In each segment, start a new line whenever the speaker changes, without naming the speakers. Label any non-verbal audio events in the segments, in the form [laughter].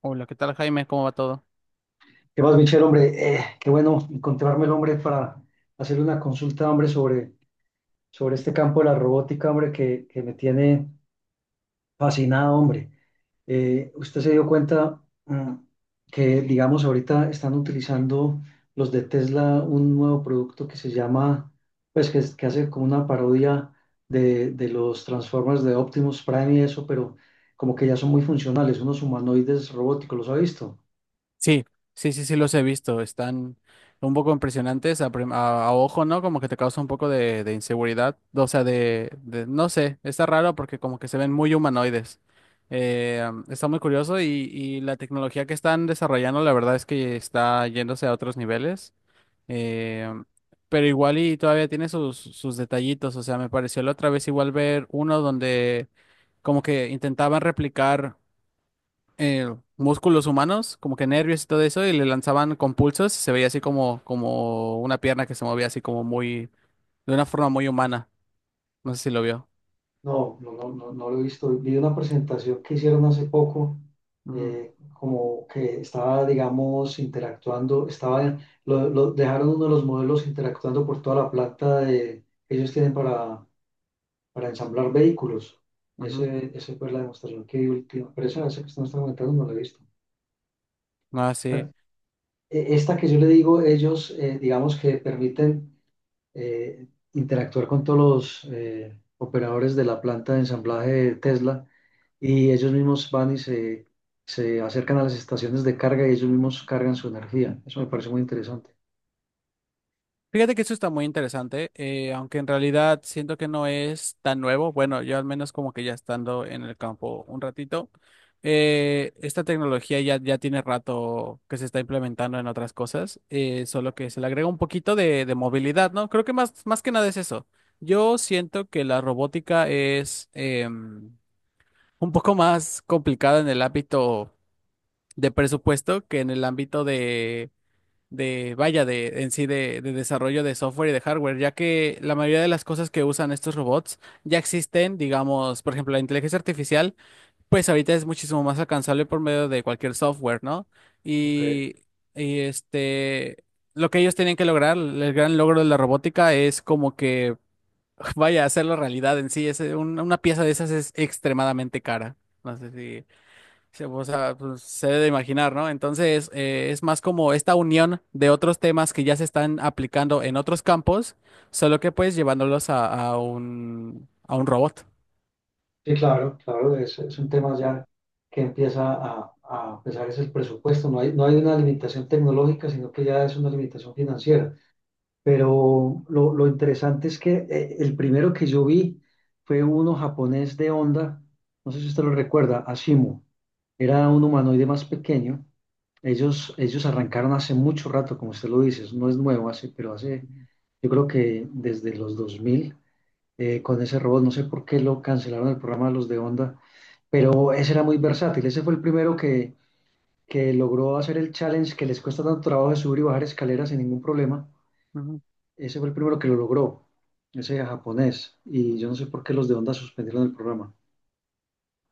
Hola, ¿qué tal, Jaime? ¿Cómo va todo?
¿Qué más, Michelle, hombre? Qué bueno encontrarme el hombre para hacerle una consulta, hombre, sobre este campo de la robótica, hombre, que me tiene fascinado, hombre. Usted se dio cuenta mm, que, digamos, ahorita están utilizando los de Tesla un nuevo producto que se llama, pues, que, que hace como una parodia de los Transformers de Optimus Prime y eso, pero como que ya son muy funcionales, unos humanoides robóticos, ¿los ha visto?
Sí, sí, sí, sí, los he visto. Están un poco impresionantes a ojo, ¿no? Como que te causa un poco de inseguridad. O sea, no sé, está raro porque como que se ven muy humanoides. Está muy curioso y, la tecnología que están desarrollando, la verdad es que está yéndose a otros niveles. Eh, pero igual y todavía tiene sus detallitos. O sea, me pareció la otra vez igual ver uno donde como que intentaban replicar músculos humanos, como que nervios y todo eso, y le lanzaban con pulsos y se veía así como una pierna que se movía así como de una forma muy humana. No sé si lo vio.
No, no, no, no, no lo he visto. Vi una presentación que hicieron hace poco.
Ujú,
Como que estaba, digamos, interactuando, estaba, dejaron uno de los modelos interactuando por toda la planta de, que ellos tienen para ensamblar vehículos.
ujú.
Esa fue la demostración que vi última, pero esa que usted me está comentando no la he visto.
Ah, sí.
Esta que yo le digo, ellos, digamos que permiten eh, interactuar con todos los operadores de la planta de ensamblaje de Tesla y ellos mismos se acercan a las estaciones de carga y ellos mismos cargan su energía. Eso me parece muy interesante.
Fíjate que eso está muy interesante, aunque en realidad siento que no es tan nuevo. Bueno, yo al menos como que ya estando en el campo un ratito, esta tecnología ya, tiene rato que se está implementando en otras cosas, solo que se le agrega un poquito de movilidad, ¿no? Creo que más que nada es eso. Yo siento que la robótica es un poco más complicada en el ámbito de presupuesto que en el ámbito de, vaya, de en sí de desarrollo de software y de hardware, ya que la mayoría de las cosas que usan estos robots ya existen, digamos, por ejemplo, la inteligencia artificial, pues ahorita es muchísimo más alcanzable por medio de cualquier software, ¿no?
Ok.
Y, y lo que ellos tienen que lograr, el gran logro de la robótica es como que, [laughs] vaya, hacerlo realidad en sí, es una pieza de esas es extremadamente cara. No sé si o sea, pues, se debe de imaginar, ¿no? Entonces, es más como esta unión de otros temas que ya se están aplicando en otros campos, solo que pues llevándolos a un robot.
Sí, claro, claro, es un tema ya que empieza a pesar es el presupuesto. No hay, no hay una limitación tecnológica, sino que ya es una limitación financiera. Pero lo interesante es que el primero que yo vi fue uno japonés de Honda, no sé si usted lo recuerda, Ashimo. Era un humanoide más pequeño. Ellos arrancaron hace mucho rato, como usted lo dice, eso no es nuevo,
Ujú.
yo creo que desde los 2000, con ese robot, no sé por qué lo cancelaron el programa de los de Honda, pero ese era muy versátil, ese fue el primero que logró hacer el challenge que les cuesta tanto trabajo de subir y bajar escaleras sin ningún problema.
Ujú.
Ese fue el primero que lo logró, ese japonés. Y yo no sé por qué los de Honda suspendieron el programa.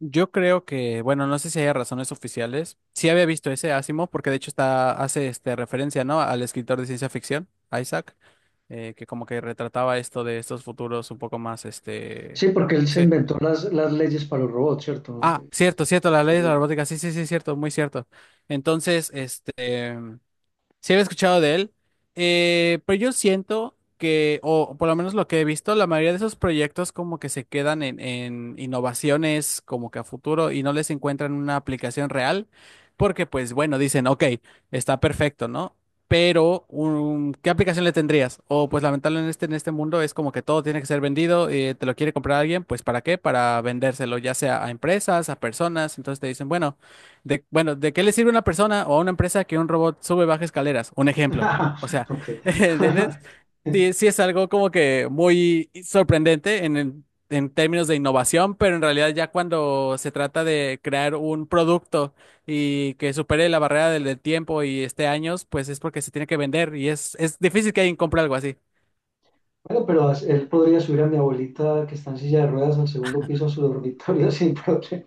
Yo creo que, bueno, no sé si hay razones oficiales. Sí había visto ese Asimov, porque de hecho hace referencia, ¿no? Al escritor de ciencia ficción, Isaac, que como que retrataba esto de estos futuros un poco más,
Sí, porque él se
sí.
inventó las leyes para los robots, ¿cierto?
Ah, cierto, cierto, la ley de la
[laughs]
robótica, sí, sí, sí, cierto, muy cierto. Entonces, sí había escuchado de él, pero yo siento que, o por lo menos lo que he visto, la mayoría de esos proyectos como que se quedan en, innovaciones como que a futuro y no les encuentran una aplicación real, porque pues bueno, dicen, ok, está perfecto, ¿no? Pero, ¿qué aplicación le tendrías? O pues lamentablemente en este mundo es como que todo tiene que ser vendido, te lo quiere comprar alguien, pues ¿para qué? Para vendérselo, ya sea a empresas, a personas, entonces te dicen, bueno. Bueno, ¿de qué le sirve a una persona o a una empresa que un robot sube y baja escaleras? Un ejemplo. O sea,
Ok.
[laughs] ¿entiendes? Sí,
[laughs]
sí es algo como que muy sorprendente en términos de innovación, pero en realidad ya cuando se trata de crear un producto y que supere la barrera del, tiempo y esté años, pues es porque se tiene que vender y es, difícil que alguien compre algo así.
Bueno, pero él podría subir a mi abuelita que está en silla de ruedas al segundo piso a su dormitorio [laughs] sin problema.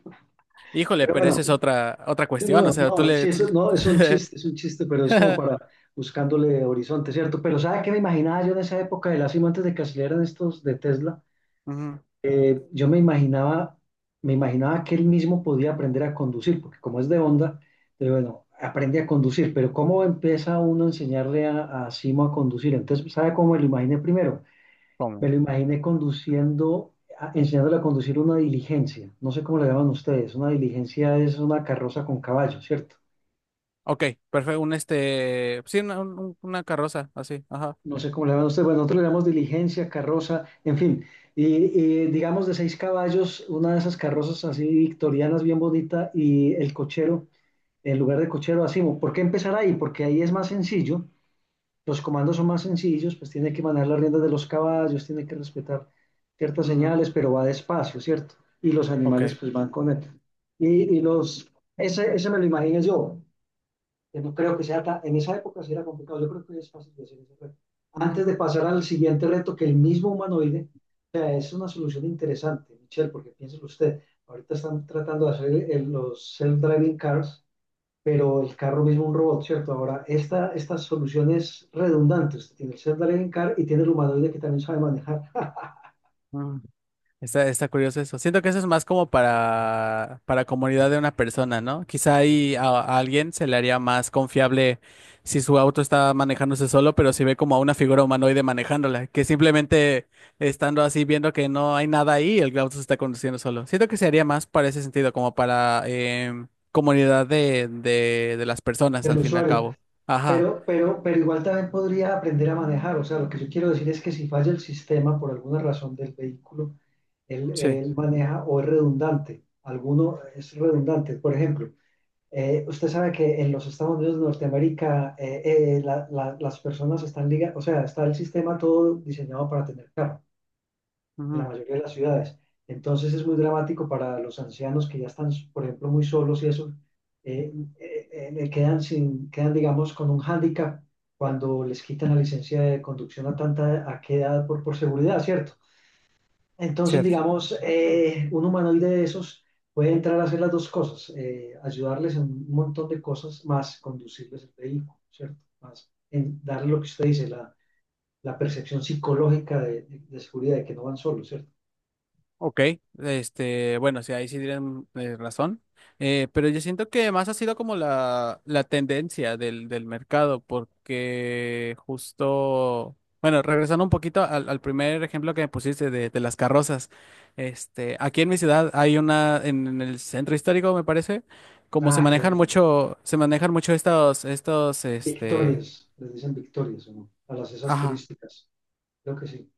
Híjole,
Pero
pero
bueno,
eso es otra cuestión. O
no,
sea, tú
no, sí,
le, tú-
eso no,
[laughs]
es un chiste, pero es como para buscándole horizonte, ¿cierto? Pero ¿sabe qué me imaginaba yo en esa época de la cima antes de que salieran estos de Tesla?
Ujú,
Yo me imaginaba que él mismo podía aprender a conducir, porque como es de onda, bueno, aprende a conducir, pero ¿cómo empieza uno a enseñarle a Simo a conducir? Entonces, ¿sabe cómo me lo imaginé primero?
¿Cómo?
Me lo imaginé conduciendo, enseñándole a conducir una diligencia, no sé cómo le llaman ustedes, una diligencia es una carroza con caballo, ¿cierto?
Ok, perfecto. Un este. Sí, una carroza, así. Ajá.
No sé cómo le llaman ustedes, bueno, nosotros le llamamos diligencia, carroza, en fin, y digamos de 6 caballos, una de esas carrozas así victorianas, bien bonita, y el cochero, en lugar de cochero, así, ¿por qué empezar ahí? Porque ahí es más sencillo, los comandos son más sencillos, pues tiene que manejar las riendas de los caballos, tiene que respetar ciertas
Ujú,
señales, pero va despacio, ¿cierto? Y los
Ok.
animales pues van con él. Y, y los, ese me lo imagino yo, que no creo que sea tan, en esa época sí era complicado, yo creo que es fácil de hacer ese reto.
Ujú,
Antes de pasar al siguiente reto, que el mismo humanoide, o sea, es una solución interesante, Michelle, porque piénselo usted, ahorita están tratando de hacer los self-driving cars, pero el carro mismo un robot, ¿cierto? Ahora, esta solución es redundante, usted tiene el self-driving car y tiene el humanoide que también sabe manejar. [laughs]
ujú. Está curioso eso. Siento que eso es más como para, comunidad de una persona, ¿no? Quizá ahí a alguien se le haría más confiable si su auto está manejándose solo, pero si ve como a una figura humanoide manejándola, que simplemente estando así viendo que no hay nada ahí, el auto se está conduciendo solo. Siento que se haría más para ese sentido, como para comunidad de, las personas
El
al fin y al
usuario,
cabo. Ajá.
pero igual también podría aprender a manejar, o sea, lo que yo quiero decir es que si falla el sistema por alguna razón del vehículo,
Sí,
él maneja o es redundante. Alguno es redundante. Por ejemplo, usted sabe que en los Estados Unidos de Norteamérica las personas están ligadas, o sea, está el sistema todo diseñado para tener carro en la
ujú,
mayoría de las ciudades. Entonces es muy dramático para los ancianos que ya están, por ejemplo, muy solos y eso, eh, le quedan sin, quedan, digamos, con un hándicap cuando les quitan la licencia de conducción a tanta, a qué edad por seguridad, ¿cierto? Entonces,
cierto.
digamos, un humanoide de esos puede entrar a hacer las dos cosas, ayudarles en un montón de cosas, más conducirles el vehículo, ¿cierto? Más en darle lo que usted dice, la percepción psicológica de, de seguridad, de que no van solos, ¿cierto?
Ok, bueno, sí, ahí sí tienen razón. Pero yo siento que más ha sido como la, tendencia del mercado, porque justo, bueno, regresando un poquito al, primer ejemplo que me pusiste de las carrozas, aquí en mi ciudad hay una, en el centro histórico, me parece, como
Ah, que Mm,
se manejan mucho estos,
victorias, les dicen victorias, ¿o no? A las esas
ajá,
turísticas, creo que sí.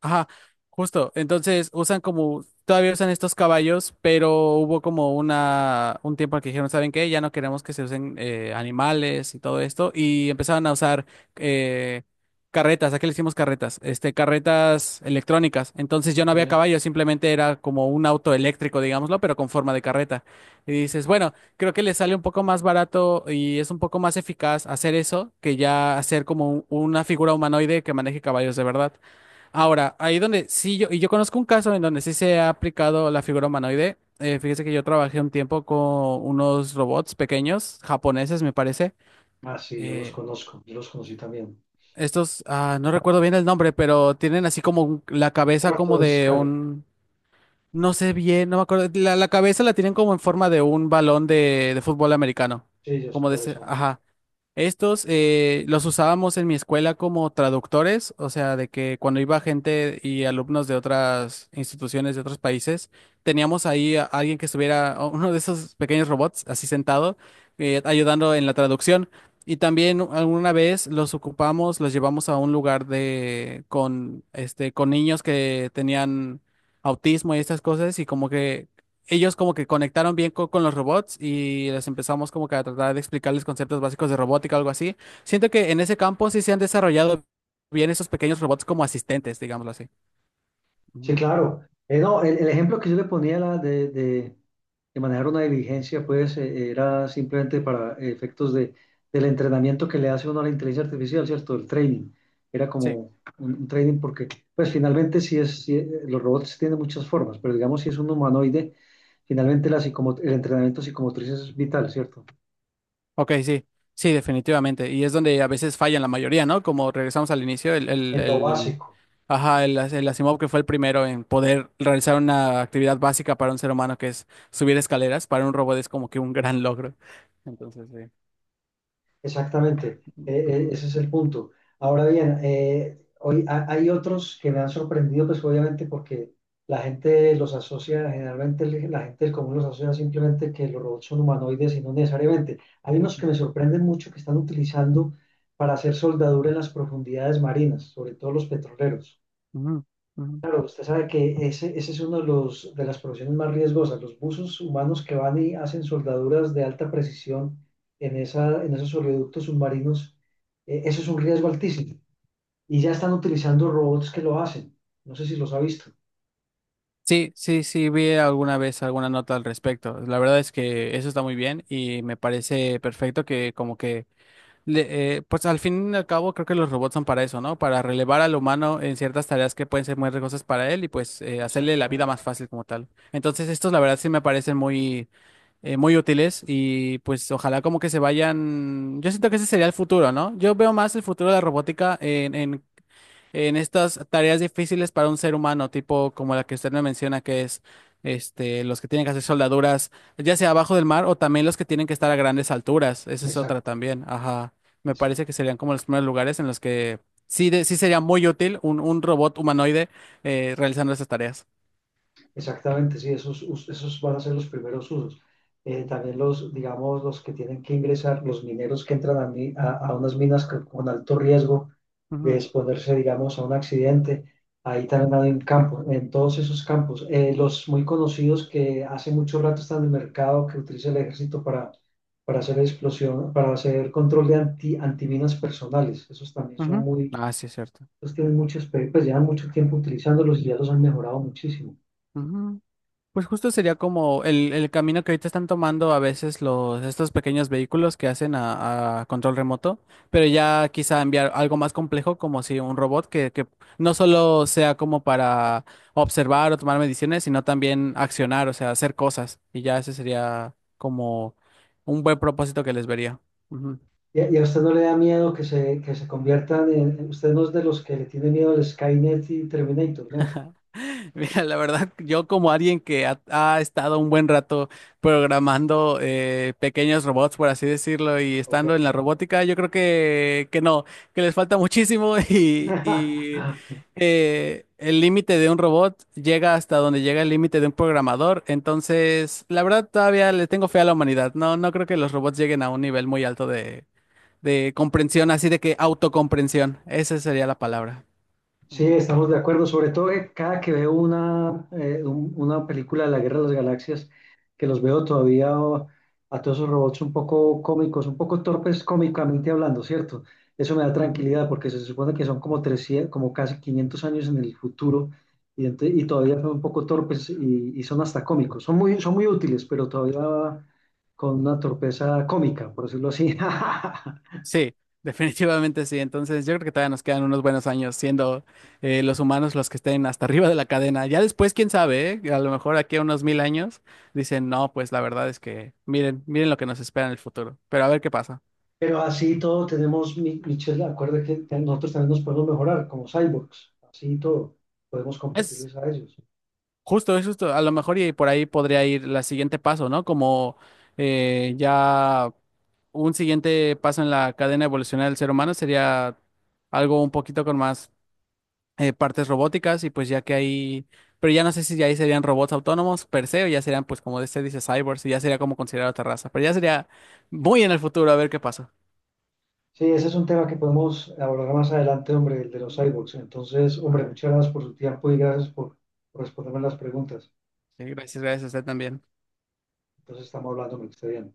Ajá, justo. Entonces usan como, todavía usan estos caballos, pero hubo como un tiempo en que dijeron, ¿saben qué? Ya no queremos que se usen animales y todo esto. Y empezaron a usar eh, carretas, ¿a qué le hicimos carretas? Carretas electrónicas. Entonces ya no
Ok,
había caballos, simplemente era como un auto eléctrico, digámoslo, pero con forma de carreta. Y dices,
ok.
bueno, creo que les sale un poco más barato y es un poco más eficaz hacer eso que ya hacer como una figura humanoide que maneje caballos de verdad. Ahora, ahí donde sí yo conozco un caso en donde sí se ha aplicado la figura humanoide. Fíjese que yo trabajé un tiempo con unos robots pequeños, japoneses me parece.
Ah, sí, yo los
Eh,
conozco, yo los conocí también.
no recuerdo bien el nombre, pero tienen así como la cabeza
Cuarto
como
de
de
escala,
no sé bien, no me acuerdo. La cabeza la tienen como en forma de un balón de fútbol americano.
sí, yo sé
Como de
cuáles
ese,
son.
ajá. Estos los usábamos en mi escuela como traductores, o sea, de que cuando iba gente y alumnos de otras instituciones, de otros países, teníamos ahí a alguien que estuviera, a uno de esos pequeños robots, así sentado, ayudando en la traducción. Y también alguna vez los ocupamos, los llevamos a un lugar con niños que tenían autismo y estas cosas y como que ellos como que conectaron bien con los robots y les empezamos como que a tratar de explicarles conceptos básicos de robótica o algo así. Siento que en ese campo sí se han desarrollado bien esos pequeños robots como asistentes, digámoslo así.
Sí,
Ujú.
claro. No, el ejemplo que yo le ponía la de, de manejar una diligencia, pues era simplemente para efectos de, del entrenamiento que le hace uno a la inteligencia artificial, ¿cierto? El training. Era como
Sí,
un training porque, pues finalmente sí es, sí, los robots tienen muchas formas, pero digamos si es un humanoide, finalmente la el entrenamiento psicomotriz es vital, ¿cierto?
ok, sí, sí, definitivamente. Y es donde a veces fallan la mayoría, ¿no? Como regresamos al inicio,
En lo básico.
ajá, el Asimov que fue el primero en poder realizar una actividad básica para un ser humano que es subir escaleras, para un robot es como que un gran logro. Entonces, sí.
Exactamente,
Ujú,
ese es el punto. Ahora bien, hoy hay otros que me han sorprendido, pues obviamente porque la gente los asocia, generalmente la gente del común los asocia simplemente que los robots son humanoides y no necesariamente. Hay unos que me sorprenden mucho que están utilizando para hacer soldadura en las profundidades marinas, sobre todo los petroleros.
ujú, ujú.
Pero usted sabe que ese es uno de los, de las profesiones más riesgosas, los buzos humanos que van y hacen soldaduras de alta precisión en, esa, en esos oleoductos submarinos, eso es un riesgo altísimo. Y ya están utilizando robots que lo hacen. No sé si los ha visto.
Sí, sí, sí, vi alguna vez alguna nota al respecto. La verdad es que eso está muy bien y me parece perfecto que como que, pues al fin y al cabo creo que los robots son para eso, ¿no? Para relevar al humano en ciertas tareas que pueden ser muy riesgosas para él y pues hacerle la vida
Exactamente.
más fácil como tal. Entonces estos la verdad sí me parecen muy, muy útiles y pues ojalá como que se vayan, yo siento que ese sería el futuro, ¿no? Yo veo más el futuro de la robótica en estas tareas difíciles para un ser humano, tipo como la que usted me menciona, que es los que tienen que hacer soldaduras, ya sea abajo del mar o también los que tienen que estar a grandes alturas. Esa es otra
Exacto.
también. Ajá. Me parece que
Exacto.
serían como los primeros lugares en los que sí, sí sería muy útil un, robot humanoide realizando esas tareas.
Exactamente, sí, esos, esos van a ser los primeros usos.
Mm.
También los, digamos, los que tienen que ingresar, los mineros que entran a, a unas minas con alto riesgo de
Ujú,
exponerse, digamos, a un accidente, ahí también hay un campo, en todos esos campos. Los muy conocidos que hace mucho rato están en el mercado, que utiliza el ejército para hacer explosión, para hacer control de anti, antiminas personales, esos también son
ujú.
muy,
Ah, sí, es cierto.
esos tienen muchos, pues llevan mucho tiempo utilizándolos y ya los han mejorado muchísimo.
Pues justo sería como el, camino que ahorita están tomando a veces estos pequeños vehículos que hacen a, control remoto, pero ya quizá enviar algo más complejo, como si un robot que no solo sea como para observar o tomar mediciones, sino también accionar, o sea, hacer cosas. Y ya ese sería como un buen propósito que les vería. Ujú.
¿Y y a usted no le da miedo que que se conviertan en... Usted no es de los que le tiene miedo al Skynet y Terminator, ¿no?
[laughs] Mira, la verdad, yo como alguien que ha, estado un buen rato programando pequeños robots, por así decirlo, y
Ok.
estando en la robótica, yo creo que no, que les falta muchísimo [laughs] y el límite de un robot llega hasta donde llega el límite de un programador. Entonces, la verdad, todavía le tengo fe a la humanidad. No, no creo que los robots lleguen a un nivel muy alto de comprensión, así de que autocomprensión. Esa sería la palabra.
Sí,
Ujú.
estamos de acuerdo, sobre todo que cada que veo una, una película de la Guerra de las Galaxias, que los veo todavía a todos esos robots un poco cómicos, un poco torpes cómicamente hablando, ¿cierto? Eso me da
Ujú.
tranquilidad porque se supone que son como 300, como casi 500 años en el futuro y, y todavía son un poco torpes y son hasta cómicos. Son muy útiles, pero todavía con una torpeza cómica, por decirlo así. [laughs]
Sí, [laughs] definitivamente sí. Entonces yo creo que todavía nos quedan unos buenos años siendo los humanos los que estén hasta arriba de la cadena. Ya después, quién sabe, ¿eh? A lo mejor aquí a unos mil años dicen, no, pues la verdad es que miren, miren lo que nos espera en el futuro. Pero a ver qué pasa.
Pero así todo tenemos, Michelle, acuerda que nosotros también nos podemos mejorar como cyborgs, así todo, podemos
Es
competirles a ellos.
justo, es justo. A lo mejor y por ahí podría ir la siguiente paso, ¿no? Como ya un siguiente paso en la cadena evolucional del ser humano sería algo un poquito con más partes robóticas y pues ya que hay pero ya no sé si ya ahí serían robots autónomos per se o ya serían pues como se dice cyborgs y ya sería como considerar otra raza, pero ya sería muy en el futuro a ver qué pasa.
Sí, ese es un tema que podemos abordar más adelante, hombre, el de los
Ujú.
cyborgs. Entonces, hombre,
Ah,
muchas gracias por su tiempo y gracias por responderme las preguntas.
sí, gracias, gracias a usted también.
Entonces, estamos hablando, hombre, que esté bien.